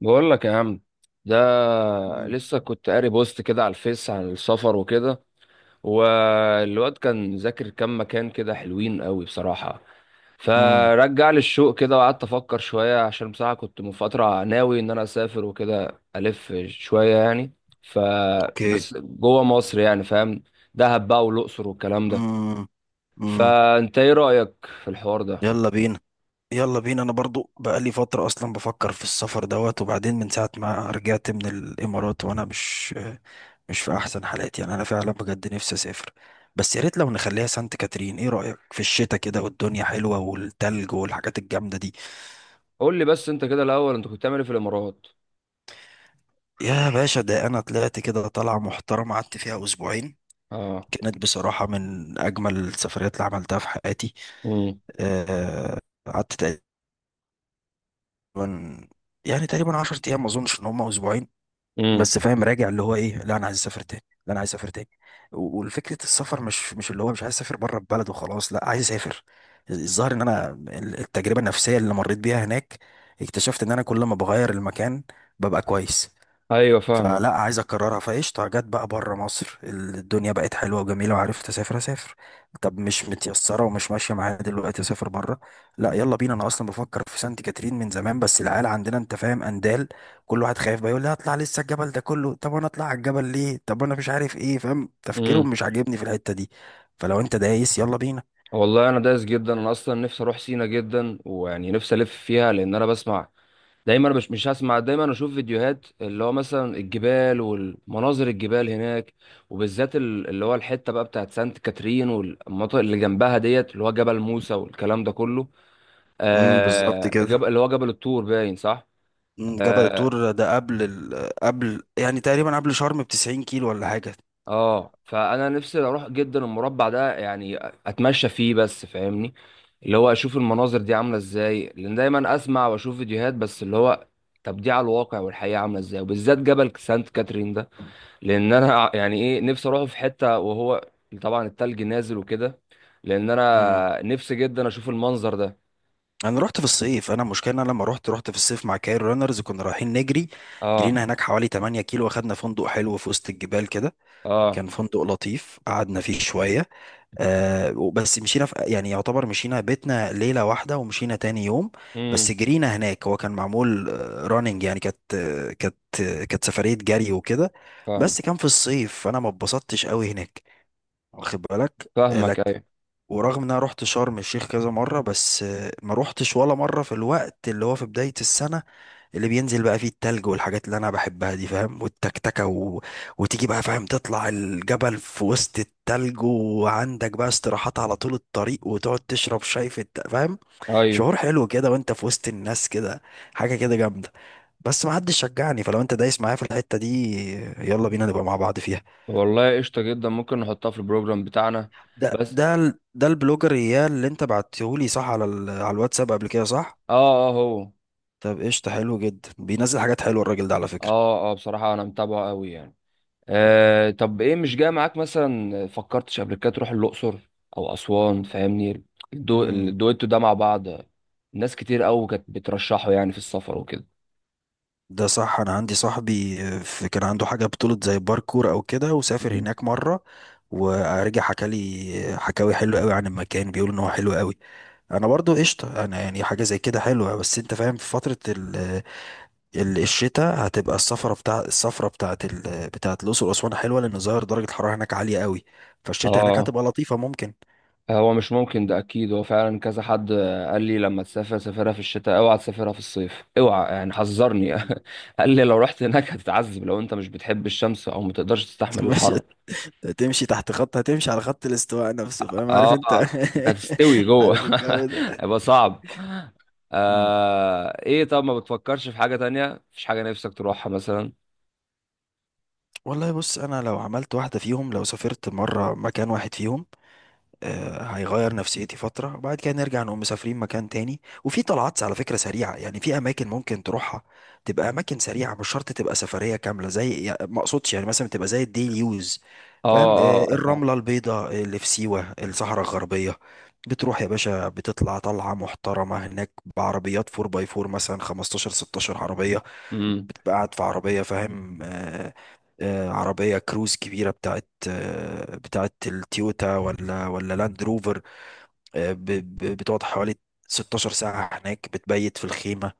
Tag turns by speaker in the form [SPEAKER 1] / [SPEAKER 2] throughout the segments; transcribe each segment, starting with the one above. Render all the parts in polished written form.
[SPEAKER 1] بقول لك يا عم ده،
[SPEAKER 2] مم.
[SPEAKER 1] لسه كنت قاري بوست كده على الفيس عن السفر وكده. والواد كان ذاكر كام مكان كده حلوين قوي بصراحة.
[SPEAKER 2] مم.
[SPEAKER 1] فرجع لي الشوق كده، وقعدت افكر شوية عشان بصراحة كنت من فترة ناوي ان انا اسافر وكده الف شوية يعني.
[SPEAKER 2] اوكي.
[SPEAKER 1] فبس جوه مصر يعني، فاهم؟ دهب بقى والاقصر والكلام ده.
[SPEAKER 2] مم. مم.
[SPEAKER 1] فانت ايه رأيك في الحوار ده؟
[SPEAKER 2] يلا بينا، يلا بينا. انا برضو بقالي فترة اصلا بفكر في السفر دوت. وبعدين من ساعة ما رجعت من الامارات وانا مش في احسن حالاتي، يعني انا فعلا بجد نفسي اسافر. بس يا ريت لو نخليها سانت كاترين. ايه رأيك في الشتاء كده والدنيا حلوة والتلج والحاجات الجامدة دي؟
[SPEAKER 1] قول لي بس انت كده الاول، انت كنت بتعمل ايه في الامارات؟
[SPEAKER 2] يا باشا، ده انا طلعت كده طلعة محترمة قعدت فيها اسبوعين.
[SPEAKER 1] اه.
[SPEAKER 2] كانت بصراحة من اجمل السفريات اللي عملتها في حياتي.
[SPEAKER 1] امم.
[SPEAKER 2] آه، قعدت تقريباً- يعني تقريبا 10 ايام، ما اظنش ان هم اسبوعين.
[SPEAKER 1] امم.
[SPEAKER 2] بس فاهم راجع اللي هو ايه، لا انا عايز اسافر تاني، لا انا عايز اسافر تاني. والفكره السفر مش اللي هو مش عايز اسافر بره البلد وخلاص، لا عايز اسافر. الظاهر ان انا التجربه النفسيه اللي مريت بيها هناك اكتشفت ان انا كل ما بغير المكان ببقى كويس.
[SPEAKER 1] ايوه فاهمك.
[SPEAKER 2] فلا عايز اكررها. فقشطه جت بقى بره مصر، الدنيا بقت حلوه وجميله وعرفت اسافر اسافر. طب مش متيسره ومش ماشيه معايا دلوقتي اسافر بره، لا يلا بينا. انا اصلا بفكر في سانت كاترين من زمان، بس العيال عندنا، انت فاهم، اندال. كل واحد خايف بقى يقول لي هطلع لسه الجبل ده كله، طب انا اطلع على الجبل ليه، طب انا مش عارف ايه، فاهم
[SPEAKER 1] امم.
[SPEAKER 2] تفكيرهم مش عاجبني في الحته دي. فلو انت دايس، يلا بينا.
[SPEAKER 1] والله انا دايس جدا، انا اصلا نفسي اروح سينا جدا، ويعني نفسي الف فيها لان انا بسمع دايما. مش هسمع دايما، اشوف فيديوهات اللي هو مثلا الجبال والمناظر الجبال هناك. وبالذات اللي هو الحته بقى بتاعت سانت كاترين، والمناطق اللي جنبها ديت، اللي هو جبل موسى والكلام ده كله.
[SPEAKER 2] بالظبط
[SPEAKER 1] آه
[SPEAKER 2] كده.
[SPEAKER 1] جبل، اللي هو جبل الطور باين، صح؟
[SPEAKER 2] جبل
[SPEAKER 1] آه،
[SPEAKER 2] الطور ده قبل ال... قبل يعني تقريبا قبل شرم ب 90 كيلو ولا حاجه.
[SPEAKER 1] اه فانا نفسي اروح جدا المربع ده يعني، اتمشى فيه بس فاهمني. اللي هو اشوف المناظر دي عامله ازاي، لان دايما اسمع واشوف فيديوهات، بس اللي هو طب دي على الواقع والحقيقه عامله ازاي، وبالذات جبل سانت كاترين ده. لان انا يعني ايه نفسي اروحه في حته وهو طبعا التلج نازل وكده. لان
[SPEAKER 2] مم.
[SPEAKER 1] انا نفسي جدا اشوف المنظر ده.
[SPEAKER 2] انا رحت في الصيف. انا المشكله ان انا لما رحت في الصيف مع كايرو رانرز، كنا رايحين نجري.
[SPEAKER 1] اه
[SPEAKER 2] جرينا هناك حوالي 8 كيلو واخدنا فندق حلو في وسط الجبال كده.
[SPEAKER 1] اه.
[SPEAKER 2] كان فندق لطيف قعدنا فيه شويه. آه، بس مشينا في يعني يعتبر مشينا بيتنا ليله واحده ومشينا تاني يوم.
[SPEAKER 1] امم.
[SPEAKER 2] بس جرينا هناك. هو كان معمول راننج، يعني كانت سفريه جري وكده.
[SPEAKER 1] فاهمك
[SPEAKER 2] بس كان في الصيف فانا ما اتبسطتش قوي هناك، واخد بالك.
[SPEAKER 1] فاهمك، ايوه.
[SPEAKER 2] ورغم ان انا رحت شرم الشيخ كذا مرة، بس ما روحتش ولا مرة في الوقت اللي هو في بداية السنة، اللي بينزل بقى فيه التلج والحاجات اللي انا بحبها دي، فاهم، والتكتكة وتيجي بقى، فاهم، تطلع الجبل في وسط التلج وعندك بقى استراحات على طول الطريق وتقعد تشرب شاي فاهم.
[SPEAKER 1] ايوه،
[SPEAKER 2] شعور حلو كده وانت في وسط الناس كده، حاجة كده جامدة. بس ما حدش شجعني، فلو انت دايس معايا في الحتة دي، يلا بينا نبقى مع بعض فيها.
[SPEAKER 1] والله قشطه جدا، ممكن نحطها في البروجرام بتاعنا.
[SPEAKER 2] ده
[SPEAKER 1] بس.
[SPEAKER 2] ده ال- ده البلوجر اياه اللي انت بعتهولي، صح، على الواتساب قبل كده، صح؟
[SPEAKER 1] اه اه، هو.
[SPEAKER 2] طب قشطة، حلو جدا بينزل حاجات حلوة الراجل ده على فكرة.
[SPEAKER 1] اه اه بصراحة انا متابعه قوي يعني. آه طب ايه، مش جاي معاك مثلا؟ فكرتش قبل كده تروح الاقصر او اسوان، فاهمني؟
[SPEAKER 2] امم
[SPEAKER 1] الدويتو ده مع بعض. ناس كتير قوي كانت بترشحه يعني في السفر وكده.
[SPEAKER 2] ده صح. انا عندي صاحبي، آه، في كان عنده حاجة بطولة زي باركور او كده، وسافر
[SPEAKER 1] مم.
[SPEAKER 2] هناك مرة. ورجع حكى لي حكاوي حلوة قوي عن المكان، بيقول ان هو حلو قوي. انا برضو قشطة. انا يعني حاجة زي كده حلوة، بس انت فاهم في فترة الشتاء هتبقى السفرة بتاعت الأقصر وأسوان حلوة، لأن ظاهر درجة الحرارة هناك عالية قوي. فالشتاء هناك
[SPEAKER 1] اه،
[SPEAKER 2] هتبقى لطيفة ممكن.
[SPEAKER 1] هو مش ممكن ده، اكيد هو فعلا كذا حد قال لي لما تسافر سافرها في الشتاء، اوعى تسافرها في الصيف، اوعى يعني حذرني.
[SPEAKER 2] مم.
[SPEAKER 1] قال لي لو رحت هناك هتتعذب، لو انت مش بتحب الشمس او ما تقدرش تستحمل
[SPEAKER 2] مش
[SPEAKER 1] الحر.
[SPEAKER 2] تمشي تحت خط هتمشي على خط الاستواء نفسه، فاهم، عارف انت.
[SPEAKER 1] اه، انت هتستوي جوه.
[SPEAKER 2] عارف الجو ده.
[SPEAKER 1] هيبقى صعب.
[SPEAKER 2] مم.
[SPEAKER 1] آه ايه، طب ما بتفكرش في حاجة تانية؟ مفيش حاجة نفسك تروحها مثلا؟
[SPEAKER 2] والله بص، انا لو عملت واحدة فيهم، لو سافرت مرة مكان واحد فيهم، هيغير نفسيتي فترة. وبعد كده نرجع نقوم مسافرين مكان تاني. وفي طلعات على فكرة سريعة يعني، في أماكن ممكن تروحها تبقى أماكن سريعة، مش شرط تبقى سفرية كاملة، زي يعني، ما أقصدش يعني مثلا تبقى زي الديلي يوز،
[SPEAKER 1] اه
[SPEAKER 2] فاهم.
[SPEAKER 1] اه اه.
[SPEAKER 2] الرملة البيضاء اللي في سيوة، الصحراء الغربية. بتروح يا باشا بتطلع طلعة محترمة هناك بعربيات 4 باي 4، مثلا 15 16 عربية.
[SPEAKER 1] امم.
[SPEAKER 2] بقى قاعد في عربية، فاهم، عربية كروز كبيرة بتاعت التويوتا ولا لاند روفر. آه، ب- بتقعد حوالي 16 ساعة هناك، بتبيت في الخيمة.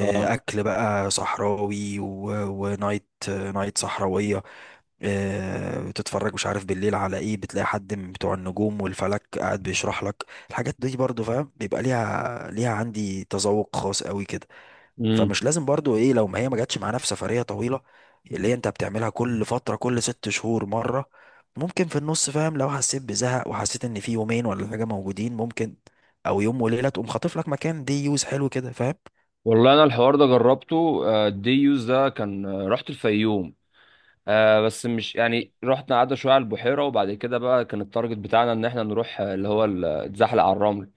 [SPEAKER 1] اه.
[SPEAKER 2] أكل بقى صحراوي، ونايت، نايت صحراوية. بتتفرج مش عارف بالليل على ايه، بتلاقي حد من بتوع النجوم والفلك قاعد بيشرح لك الحاجات دي برضو، فاهم، بيبقى ليها عندي تذوق خاص قوي كده.
[SPEAKER 1] امم.
[SPEAKER 2] فمش لازم برضو ايه لو ما هي ما جاتش معانا في سفرية طويلة، اللي هي انت بتعملها كل فترة، كل 6 شهور مرة. ممكن في النص، فاهم، لو حسيت بزهق وحسيت ان في يومين ولا حاجة موجودين، ممكن او يوم وليلة تقوم خاطف لك مكان، دي يوز حلو كده، فاهم.
[SPEAKER 1] والله انا الحوار ده جربته. آه الدي يوز ده كان، رحت الفيوم. آه بس مش يعني، رحت قعدنا شوية على البحيرة، وبعد كده بقى كان التارجت بتاعنا ان احنا نروح، آه، اللي هو ال- آه، اتزحلق على الرمل.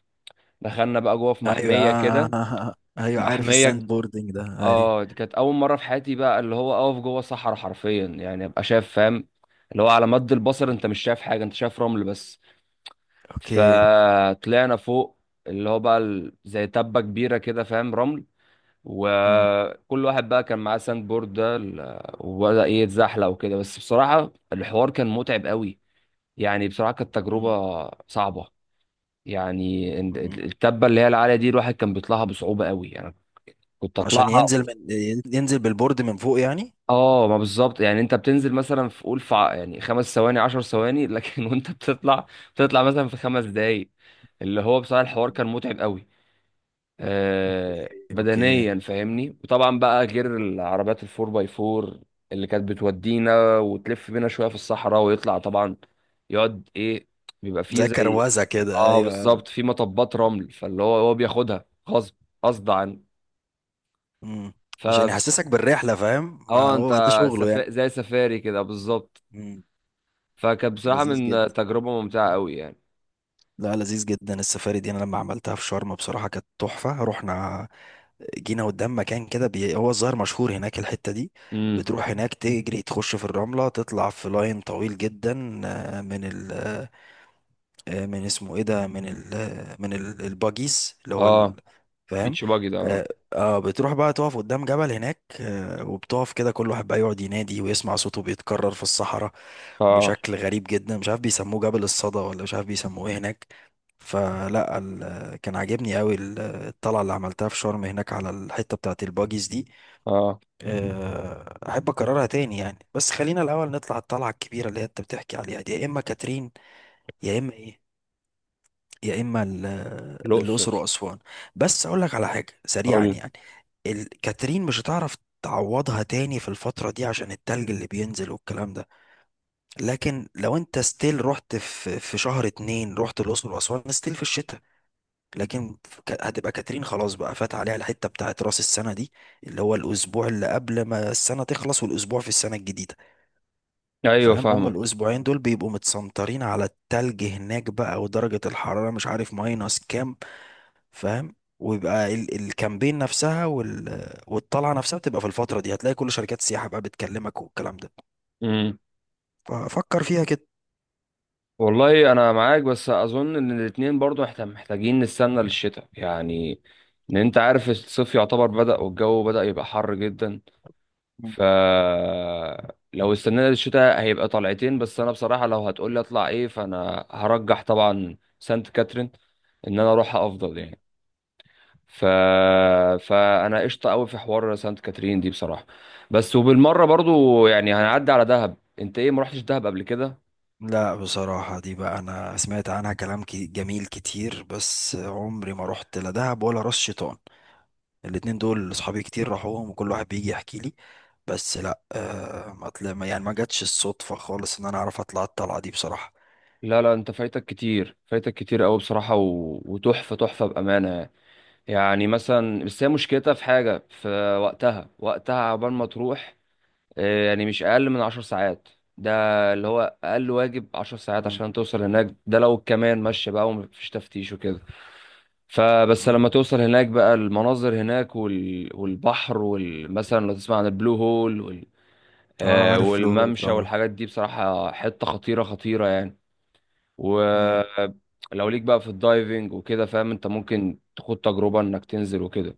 [SPEAKER 1] دخلنا بقى جوه في
[SPEAKER 2] ايوه،
[SPEAKER 1] محمية كده، في
[SPEAKER 2] ايوه، عارف الساند
[SPEAKER 1] محمية.
[SPEAKER 2] بوردنج ده، ايوه.
[SPEAKER 1] اه دي كانت اول مره في حياتي بقى، اللي هو اقف جوه صحراء حرفيا يعني، ابقى شايف فاهم؟ اللي هو على مد البصر انت مش شايف حاجه، انت شايف رمل بس.
[SPEAKER 2] اوكي.
[SPEAKER 1] فطلعنا فوق، اللي هو بقى زي تبه كبيره كده فاهم، رمل.
[SPEAKER 2] مم.
[SPEAKER 1] وكل واحد بقى كان معاه ساند بورد، وبدا ايه يتزحلق وكده، بس بصراحه الحوار كان متعب قوي. يعني بصراحه كانت
[SPEAKER 2] مم.
[SPEAKER 1] تجربه صعبه. يعني
[SPEAKER 2] مم.
[SPEAKER 1] التبه اللي هي العاليه دي، الواحد كان بيطلعها بصعوبه قوي يعني، كنت
[SPEAKER 2] عشان
[SPEAKER 1] اطلعها.
[SPEAKER 2] ينزل بالبورد من فوق يعني.
[SPEAKER 1] اه، ما بالظبط يعني، انت بتنزل مثلا في، قول في يعني 5 ثواني، 10 ثواني، لكن وانت بتطلع، مثلا في 5 دقايق. اللي هو بصراحة الحوار كان متعب قوي.
[SPEAKER 2] اوكي،
[SPEAKER 1] آه
[SPEAKER 2] اوكي.
[SPEAKER 1] بدنيا فاهمني، وطبعا بقى غير العربيات الفور باي فور اللي كانت بتودينا وتلف بينا شوية في الصحراء، ويطلع طبعا، يقعد ايه، بيبقى فيه
[SPEAKER 2] زي
[SPEAKER 1] زي.
[SPEAKER 2] كروزة كده،
[SPEAKER 1] اه
[SPEAKER 2] ايوه.
[SPEAKER 1] بالظبط، في مطبات رمل، فاللي هو بياخدها غصب غصب عنه.
[SPEAKER 2] مم. عشان
[SPEAKER 1] فبس.
[SPEAKER 2] يحسسك بالرحلة، فاهم، ما
[SPEAKER 1] اه انت
[SPEAKER 2] هو ده شغله يعني.
[SPEAKER 1] زي سفاري كده بالظبط.
[SPEAKER 2] مم.
[SPEAKER 1] فكانت بصراحة
[SPEAKER 2] لذيذ
[SPEAKER 1] من
[SPEAKER 2] جدا.
[SPEAKER 1] تجربة ممتعة قوي يعني.
[SPEAKER 2] لا، لذيذ جدا السفاري دي. انا لما عملتها في شرم بصراحة كانت تحفة. رحنا جينا قدام مكان كده، هو الظاهر مشهور هناك الحتة دي.
[SPEAKER 1] امم.
[SPEAKER 2] بتروح هناك تجري تخش في الرملة، تطلع في لاين طويل جدا، آه، من ال آه، من اسمه ايه ده، من ال آه، من ال- الباجيز
[SPEAKER 1] اه،
[SPEAKER 2] فاهم.
[SPEAKER 1] بيتش باجي ده، اه.
[SPEAKER 2] اه، بتروح بقى تقف قدام جبل هناك، وبتقف كده كل واحد بقى يقعد ينادي ويسمع صوته بيتكرر في الصحراء
[SPEAKER 1] اه
[SPEAKER 2] بشكل غريب جدا، مش عارف بيسموه جبل الصدى ولا مش عارف بيسموه ايه هناك. فلا، كان عاجبني قوي الطلعه اللي عملتها في شرم هناك على الحته بتاعت الباجيز دي.
[SPEAKER 1] اه.
[SPEAKER 2] احب اكررها تاني يعني، بس خلينا الاول نطلع الطلعه الكبيره اللي هي انت بتحكي عليها دي، يا اما كاترين، يا اما ايه، يا اما الاقصر
[SPEAKER 1] الأقصر.
[SPEAKER 2] واسوان. بس اقول لك على حاجه سريعا
[SPEAKER 1] قول.
[SPEAKER 2] يعني، كاترين مش هتعرف تعوضها تاني في الفتره دي عشان التلج اللي بينزل والكلام ده. لكن لو انت ستيل رحت في شهر اتنين، رحت الاقصر واسوان ستيل في الشتاء. لكن هتبقى كاترين خلاص، بقى فات عليها الحته بتاعت راس السنه دي، اللي هو الاسبوع اللي قبل ما السنه تخلص والاسبوع في السنه الجديده،
[SPEAKER 1] ايوه
[SPEAKER 2] فاهم. هما
[SPEAKER 1] فاهمك.
[SPEAKER 2] الاسبوعين دول بيبقوا متسنطرين على التلج هناك بقى ودرجه الحراره مش عارف ماينس كام، فاهم، ويبقى الكامبين نفسها، والطلعه نفسها بتبقى في الفتره دي. هتلاقي كل شركات السياحه بقى بتكلمك والكلام ده.
[SPEAKER 1] امم.
[SPEAKER 2] ففكر فيها كده.
[SPEAKER 1] والله انا معاك، بس اظن ان الاتنين برضو احنا محتاجين نستنى للشتاء يعني، ان انت عارف الصيف يعتبر بدأ والجو بدأ يبقى حر جدا. ف لو استنينا للشتاء هيبقى طلعتين، بس انا بصراحة لو هتقولي اطلع ايه فانا هرجح طبعا سانت كاترين، ان انا اروحها افضل يعني. ف... فانا قشطه قوي في حوار سانت كاترين دي بصراحه. بس وبالمره برضو يعني هنعدي على دهب، انت ايه، ما رحتش دهب قبل كده؟
[SPEAKER 2] لا بصراحة دي بقى، أنا سمعت عنها كلام جميل كتير، بس عمري ما رحت لا دهب ولا راس شيطان. الاتنين دول أصحابي كتير راحوهم وكل واحد بيجي يحكي لي. بس لا، آه ما طلع ما- يعني ما جاتش الصدفة خالص إن أنا أعرف أطلع الطلعة دي بصراحة.
[SPEAKER 1] لا لا، انت فايتك كتير، فايتك كتير قوي بصراحه، وتحفه تحفه بامانه يعني. يعني مثلا بس هي مشكلتها في حاجه في وقتها، وقتها عبال ما تروح، يعني مش اقل من 10 ساعات. ده، اللي هو اقل واجب 10 ساعات
[SPEAKER 2] مم.
[SPEAKER 1] عشان توصل هناك، ده لو كمان ماشيه بقى ومفيش تفتيش وكده. فبس لما
[SPEAKER 2] مم.
[SPEAKER 1] توصل هناك بقى، المناظر هناك والبحر مثلا لو تسمع عن البلو هول
[SPEAKER 2] اه، عارف له
[SPEAKER 1] والممشى
[SPEAKER 2] طبعا.
[SPEAKER 1] والحاجات دي بصراحة حتة خطيرة خطيرة يعني.
[SPEAKER 2] مم.
[SPEAKER 1] ولو ليك بقى في الدايفنج وكده فاهم، انت ممكن تاخد تجربة انك تنزل وكده،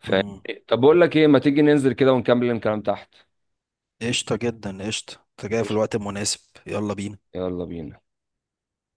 [SPEAKER 1] فاهم؟
[SPEAKER 2] مم.
[SPEAKER 1] طب بقول لك ايه، ما تيجي ننزل كده ونكمل الكلام تحت؟
[SPEAKER 2] قشطة جدا، قشطة أنت جاي في
[SPEAKER 1] قشطة.
[SPEAKER 2] الوقت المناسب. يلا بينا.
[SPEAKER 1] يلا بينا.